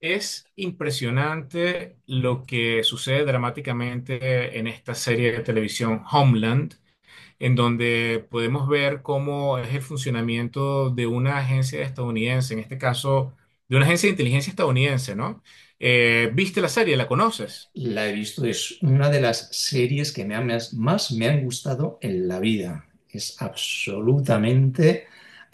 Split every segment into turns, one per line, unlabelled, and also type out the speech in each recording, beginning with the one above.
Es impresionante lo que sucede dramáticamente en esta serie de televisión Homeland, en donde podemos ver cómo es el funcionamiento de una agencia estadounidense, en este caso, de una agencia de inteligencia estadounidense, ¿no? ¿Viste la serie? ¿La conoces?
La he visto, es una de las series que más me han gustado en la vida. Es absolutamente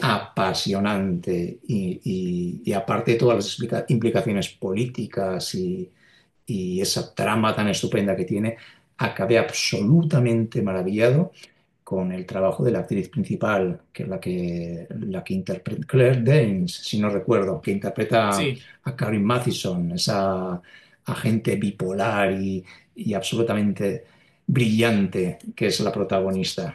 apasionante y aparte de todas las implicaciones políticas y esa trama tan estupenda que tiene, acabé absolutamente maravillado con el trabajo de la actriz principal, que es la que interpreta, Claire Danes, si no recuerdo, que interpreta
Sí.
a Karen Mathison, esa agente bipolar y absolutamente brillante que es la protagonista.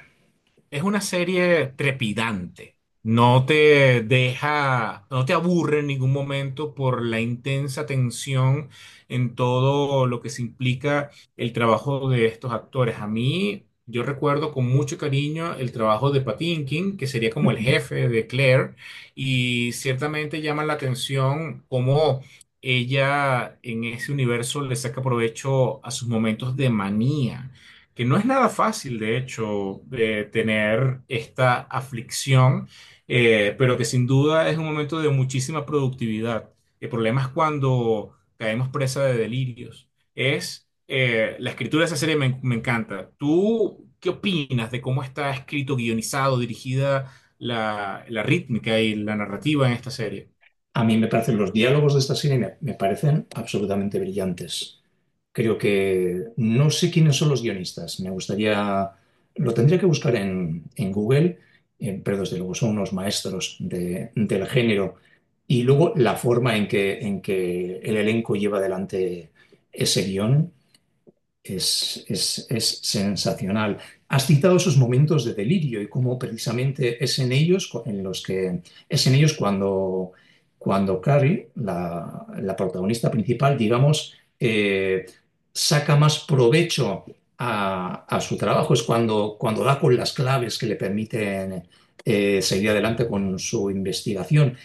Es una serie trepidante. No te deja, no te aburre en ningún momento por la intensa tensión en todo lo que se implica el trabajo de estos actores. A mí, yo recuerdo con mucho cariño el trabajo de Patinkin, que sería como el jefe de Claire, y ciertamente llama la atención cómo ella en ese universo le saca provecho a sus momentos de manía que no es nada fácil, de hecho, tener esta aflicción, pero que sin duda es un momento de muchísima productividad. El problema es cuando caemos presa de delirios. Es la escritura de esa serie me encanta. ¿Tú qué opinas de cómo está escrito, guionizado, dirigida la rítmica y la narrativa en esta serie?
A mí me parecen los diálogos de esta serie me parecen absolutamente brillantes. Creo que no sé quiénes son los guionistas. Me gustaría, lo tendría que buscar en Google, pero desde luego son unos maestros del género. Y luego la forma en que el elenco lleva adelante ese guión es sensacional. Has citado esos momentos de delirio y cómo precisamente es en ellos cuando, cuando Carrie, la protagonista principal, digamos, saca más provecho a su trabajo. Es cuando, cuando da con las claves que le permiten seguir adelante con su investigación.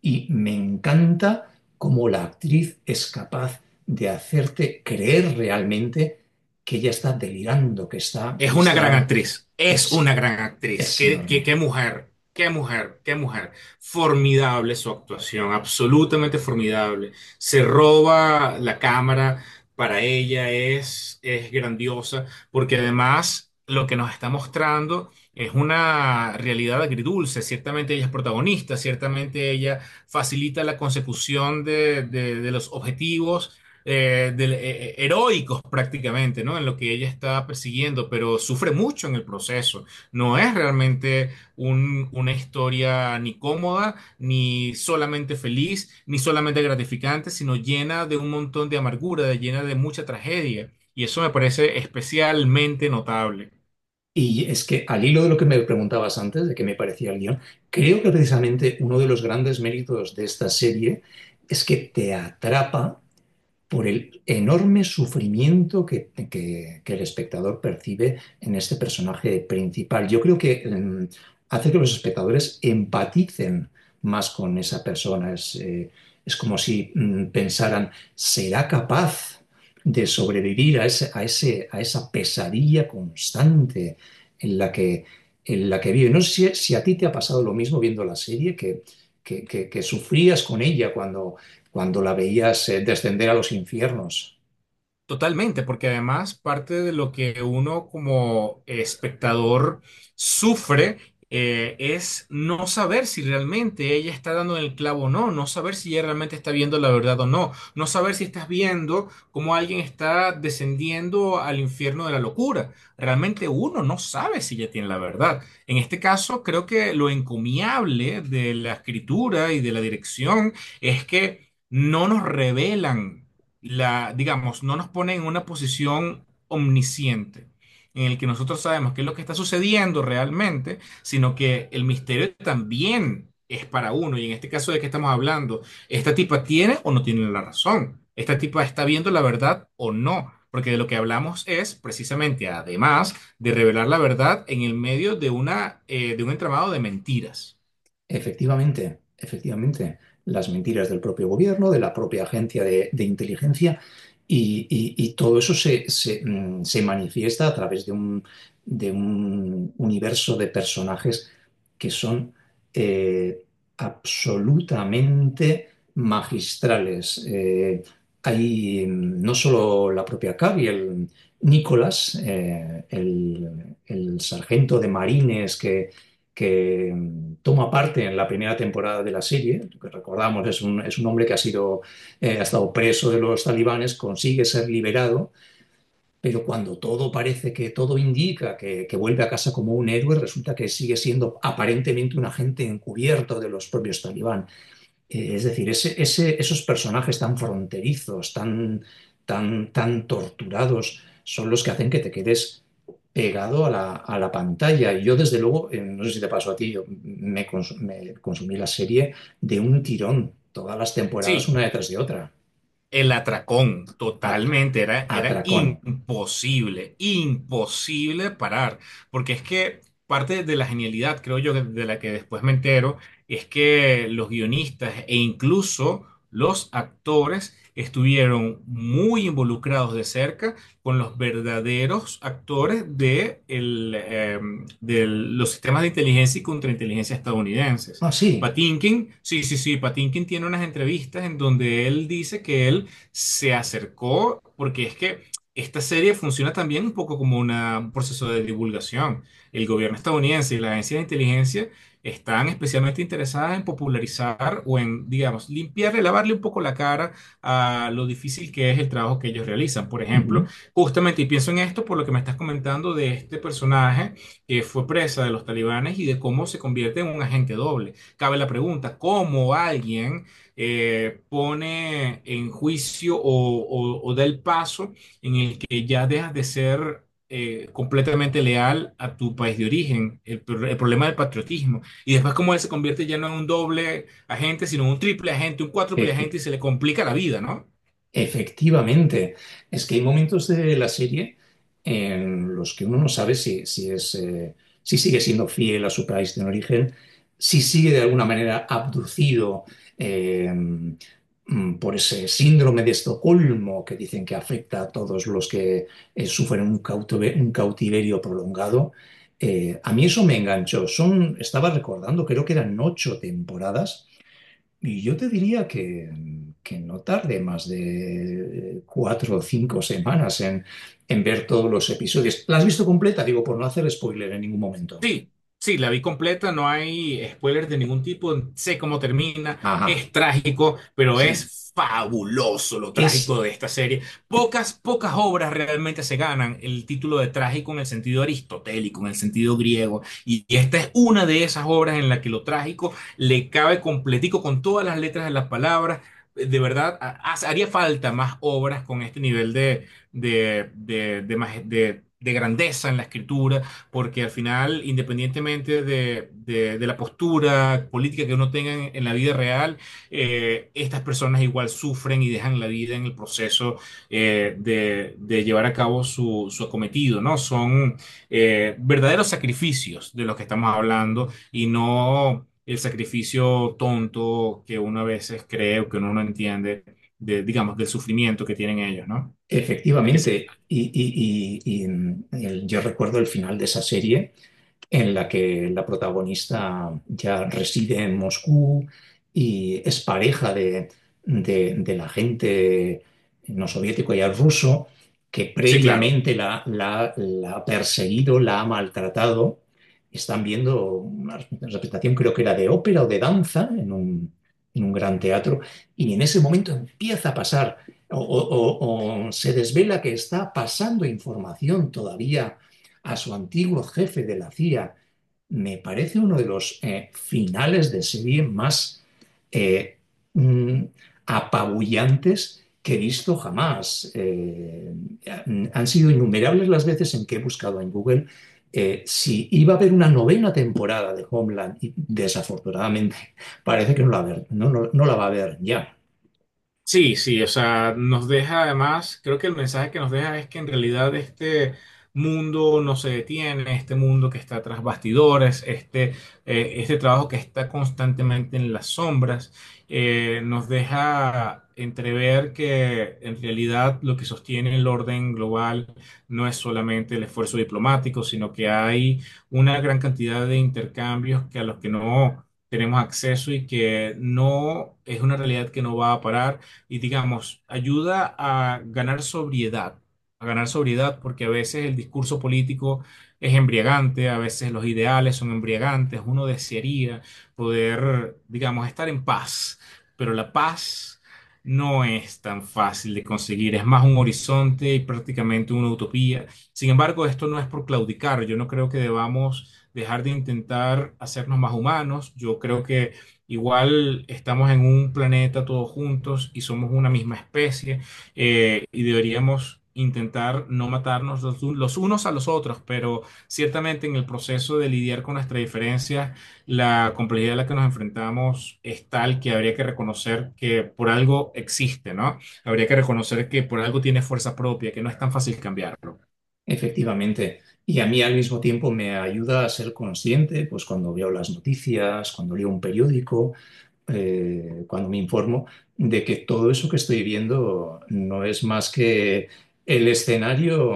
Y me encanta cómo la actriz es capaz de hacerte creer realmente que ella está delirando,
Es
que
una gran
está,
actriz, es una
es,
gran actriz.
es enorme.
Qué mujer, qué mujer, qué mujer. Formidable su actuación, absolutamente formidable. Se roba la cámara, para ella es grandiosa, porque además lo que nos está mostrando es una realidad agridulce. Ciertamente ella es protagonista, ciertamente ella facilita la consecución de, de los objetivos heroicos prácticamente, ¿no? En lo que ella está persiguiendo, pero sufre mucho en el proceso. No es realmente una historia ni cómoda, ni solamente feliz, ni solamente gratificante, sino llena de un montón de amargura, llena de mucha tragedia. Y eso me parece especialmente notable.
Y es que al hilo de lo que me preguntabas antes, de qué me parecía el guión, creo que precisamente uno de los grandes méritos de esta serie es que te atrapa por el enorme sufrimiento que el espectador percibe en este personaje principal. Yo creo que hace que los espectadores empaticen más con esa persona. Es como si pensaran, ¿será capaz de sobrevivir a a esa pesadilla constante en la que vive? No sé si, si a ti te ha pasado lo mismo viendo la serie, que, que sufrías con ella cuando la veías descender a los infiernos.
Totalmente, porque además parte de lo que uno como espectador sufre es no saber si realmente ella está dando en el clavo o no, no saber si ella realmente está viendo la verdad o no, no saber si estás viendo cómo alguien está descendiendo al infierno de la locura. Realmente uno no sabe si ella tiene la verdad. En este caso, creo que lo encomiable de la escritura y de la dirección es que no nos revelan la, digamos, no nos pone en una posición omnisciente, en el que nosotros sabemos qué es lo que está sucediendo realmente, sino que el misterio también es para uno. Y en este caso de qué estamos hablando, ¿esta tipa tiene o no tiene la razón? ¿Esta tipa está viendo la verdad o no? Porque de lo que hablamos es precisamente, además de revelar la verdad en el medio de una, de un entramado de mentiras.
Efectivamente, efectivamente. Las mentiras del propio gobierno, de la propia agencia de inteligencia y todo eso se, se, se manifiesta a través de un universo de personajes que son eh, absolutamente magistrales. Hay no solo la propia Cavi, el Nicolás, el sargento de marines que toma parte en la primera temporada de la serie, lo que recordamos es un hombre que ha, sido, ha estado preso de los talibanes, consigue ser liberado, pero cuando todo parece que todo indica que vuelve a casa como un héroe, resulta que sigue siendo aparentemente un agente encubierto de los propios talibanes. Es decir, esos personajes tan fronterizos, tan, tan, tan torturados, son los que hacen que te quedes pegado a la pantalla. Y yo, desde luego, no sé si te pasó a ti, yo me, me consumí la serie de un tirón, todas las temporadas
Sí.
una detrás de otra.
El atracón,
Atra-
totalmente, era
atracón.
imposible, imposible parar, porque es que parte de la genialidad, creo yo, de la que después me entero, es que los guionistas e incluso los actores estuvieron muy involucrados de cerca con los verdaderos actores de, de los sistemas de inteligencia y contrainteligencia estadounidenses.
Ah, sí.
Patinkin, sí, Patinkin tiene unas entrevistas en donde él dice que él se acercó, porque es que esta serie funciona también un poco como un proceso de divulgación. El gobierno estadounidense y la agencia de inteligencia están especialmente interesadas en popularizar o en, digamos, limpiarle, lavarle un poco la cara a lo difícil que es el trabajo que ellos realizan. Por ejemplo,
Ujú.
justamente, y pienso en esto por lo que me estás comentando de este personaje que fue presa de los talibanes y de cómo se convierte en un agente doble cabe la pregunta, ¿cómo alguien pone en juicio o, o da el paso en el que ya dejas de ser completamente leal a tu país de origen? El problema del patriotismo. Y después cómo él se convierte ya no en un doble agente, sino en un triple agente, un cuádruple
Efe-
agente y se le complica la vida, ¿no?
Efectivamente, es que hay momentos de la serie en los que uno no sabe si, si es, si sigue siendo fiel a su país de origen, si sigue de alguna manera abducido por ese síndrome de Estocolmo que dicen que afecta a todos los que sufren un, un cautiverio prolongado. A mí eso me enganchó. Son, estaba recordando, creo que eran 8 temporadas y yo te diría que no tarde más de 4 o 5 semanas en ver todos los episodios. ¿La has visto completa? Digo, por no hacer spoiler en ningún momento.
Sí, sí, la vi completa, no hay spoilers de ningún tipo, sé cómo termina,
Ajá,
es trágico, pero
sí.
es fabuloso lo
Es
trágico de esta serie. Pocas, pocas obras realmente se ganan el título de trágico en el sentido aristotélico, en el sentido griego, y esta es una de esas obras en la que lo trágico le cabe completico con todas las letras de las palabras. De verdad, haría falta más obras con este nivel de, de grandeza en la escritura porque al final, independientemente de, de la postura política que uno tenga en la vida real, estas personas igual sufren y dejan la vida en el proceso de llevar a cabo su, su acometido, ¿no? Son verdaderos sacrificios de los que estamos hablando y no el sacrificio tonto que uno a veces cree o que uno no entiende, de, digamos, del sufrimiento que tienen ellos, ¿no? A que se-
efectivamente, yo recuerdo el final de esa serie en la que la protagonista ya reside en Moscú y es pareja de, del agente no soviético y ruso que
sí, claro.
previamente la, la ha perseguido, la ha maltratado. Están viendo una representación, creo que era de ópera o de danza, en un gran teatro, y en ese momento empieza a pasar o, o- o se desvela que está pasando información todavía a su antiguo jefe de la CIA. Me parece uno de los finales de serie más eh, mm, apabullantes que he visto jamás. Han sido innumerables las veces en que he buscado en Google si iba a haber una novena temporada de Homeland y desafortunadamente parece que no la, va a haber, no, no, no la va a haber ya.
Sí, sí, o sea, nos deja además, creo que el mensaje que nos deja es que en realidad este mundo no se detiene, este mundo que está tras bastidores, este trabajo que está constantemente en las sombras, nos deja entrever que en realidad lo que sostiene el orden global no es solamente el esfuerzo diplomático, sino que hay una gran cantidad de intercambios que a los que no tenemos acceso y que no es una realidad que no va a parar y digamos, ayuda a ganar sobriedad porque a veces el discurso político es embriagante, a veces los ideales son embriagantes, uno desearía poder, digamos, estar en paz, pero la paz no es tan fácil de conseguir, es más un horizonte y prácticamente una utopía. Sin embargo, esto no es por claudicar, yo no creo que debamos dejar de intentar hacernos más humanos, yo creo que igual estamos en un planeta todos juntos y somos una misma especie y deberíamos intentar no matarnos los unos a los otros, pero ciertamente en el proceso de lidiar con nuestras diferencias, la complejidad a la que nos enfrentamos es tal que habría que reconocer que por algo existe, ¿no? Habría que reconocer que por algo tiene fuerza propia, que no es tan fácil cambiarlo.
Efectivamente. Y a mí al mismo tiempo me ayuda a ser consciente, pues cuando veo las noticias, cuando leo un periódico, cuando me informo, de que todo eso que estoy viendo no es más que el escenario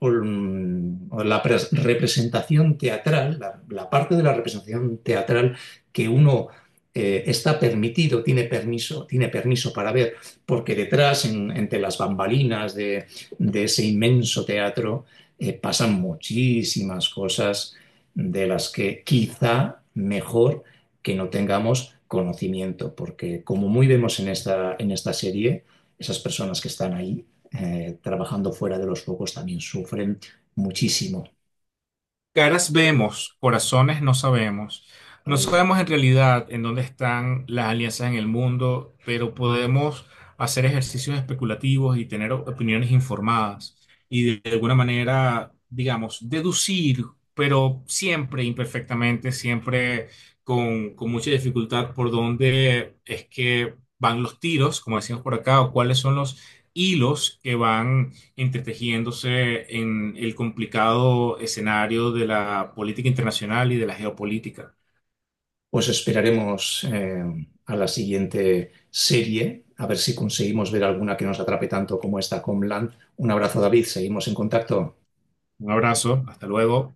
o, o la representación teatral, la parte de la representación teatral que uno está permitido, tiene permiso para ver, porque detrás, entre las bambalinas de ese inmenso teatro, pasan muchísimas cosas de las que quizá mejor que no tengamos conocimiento, porque como muy vemos en esta serie, esas personas que están ahí trabajando fuera de los focos también sufren muchísimo.
Caras vemos, corazones no sabemos. No
Ay,
sabemos en realidad en dónde están las alianzas en el mundo, pero podemos hacer ejercicios especulativos y tener opiniones informadas y de alguna manera, digamos, deducir, pero siempre imperfectamente, siempre con mucha dificultad por dónde es que van los tiros, como decimos por acá, o cuáles son los hilos que van entretejiéndose en el complicado escenario de la política internacional y de la geopolítica.
os esperaremos a la siguiente serie, a ver si conseguimos ver alguna que nos atrape tanto como esta Homeland. Un abrazo, David, seguimos en contacto.
Un abrazo, hasta luego.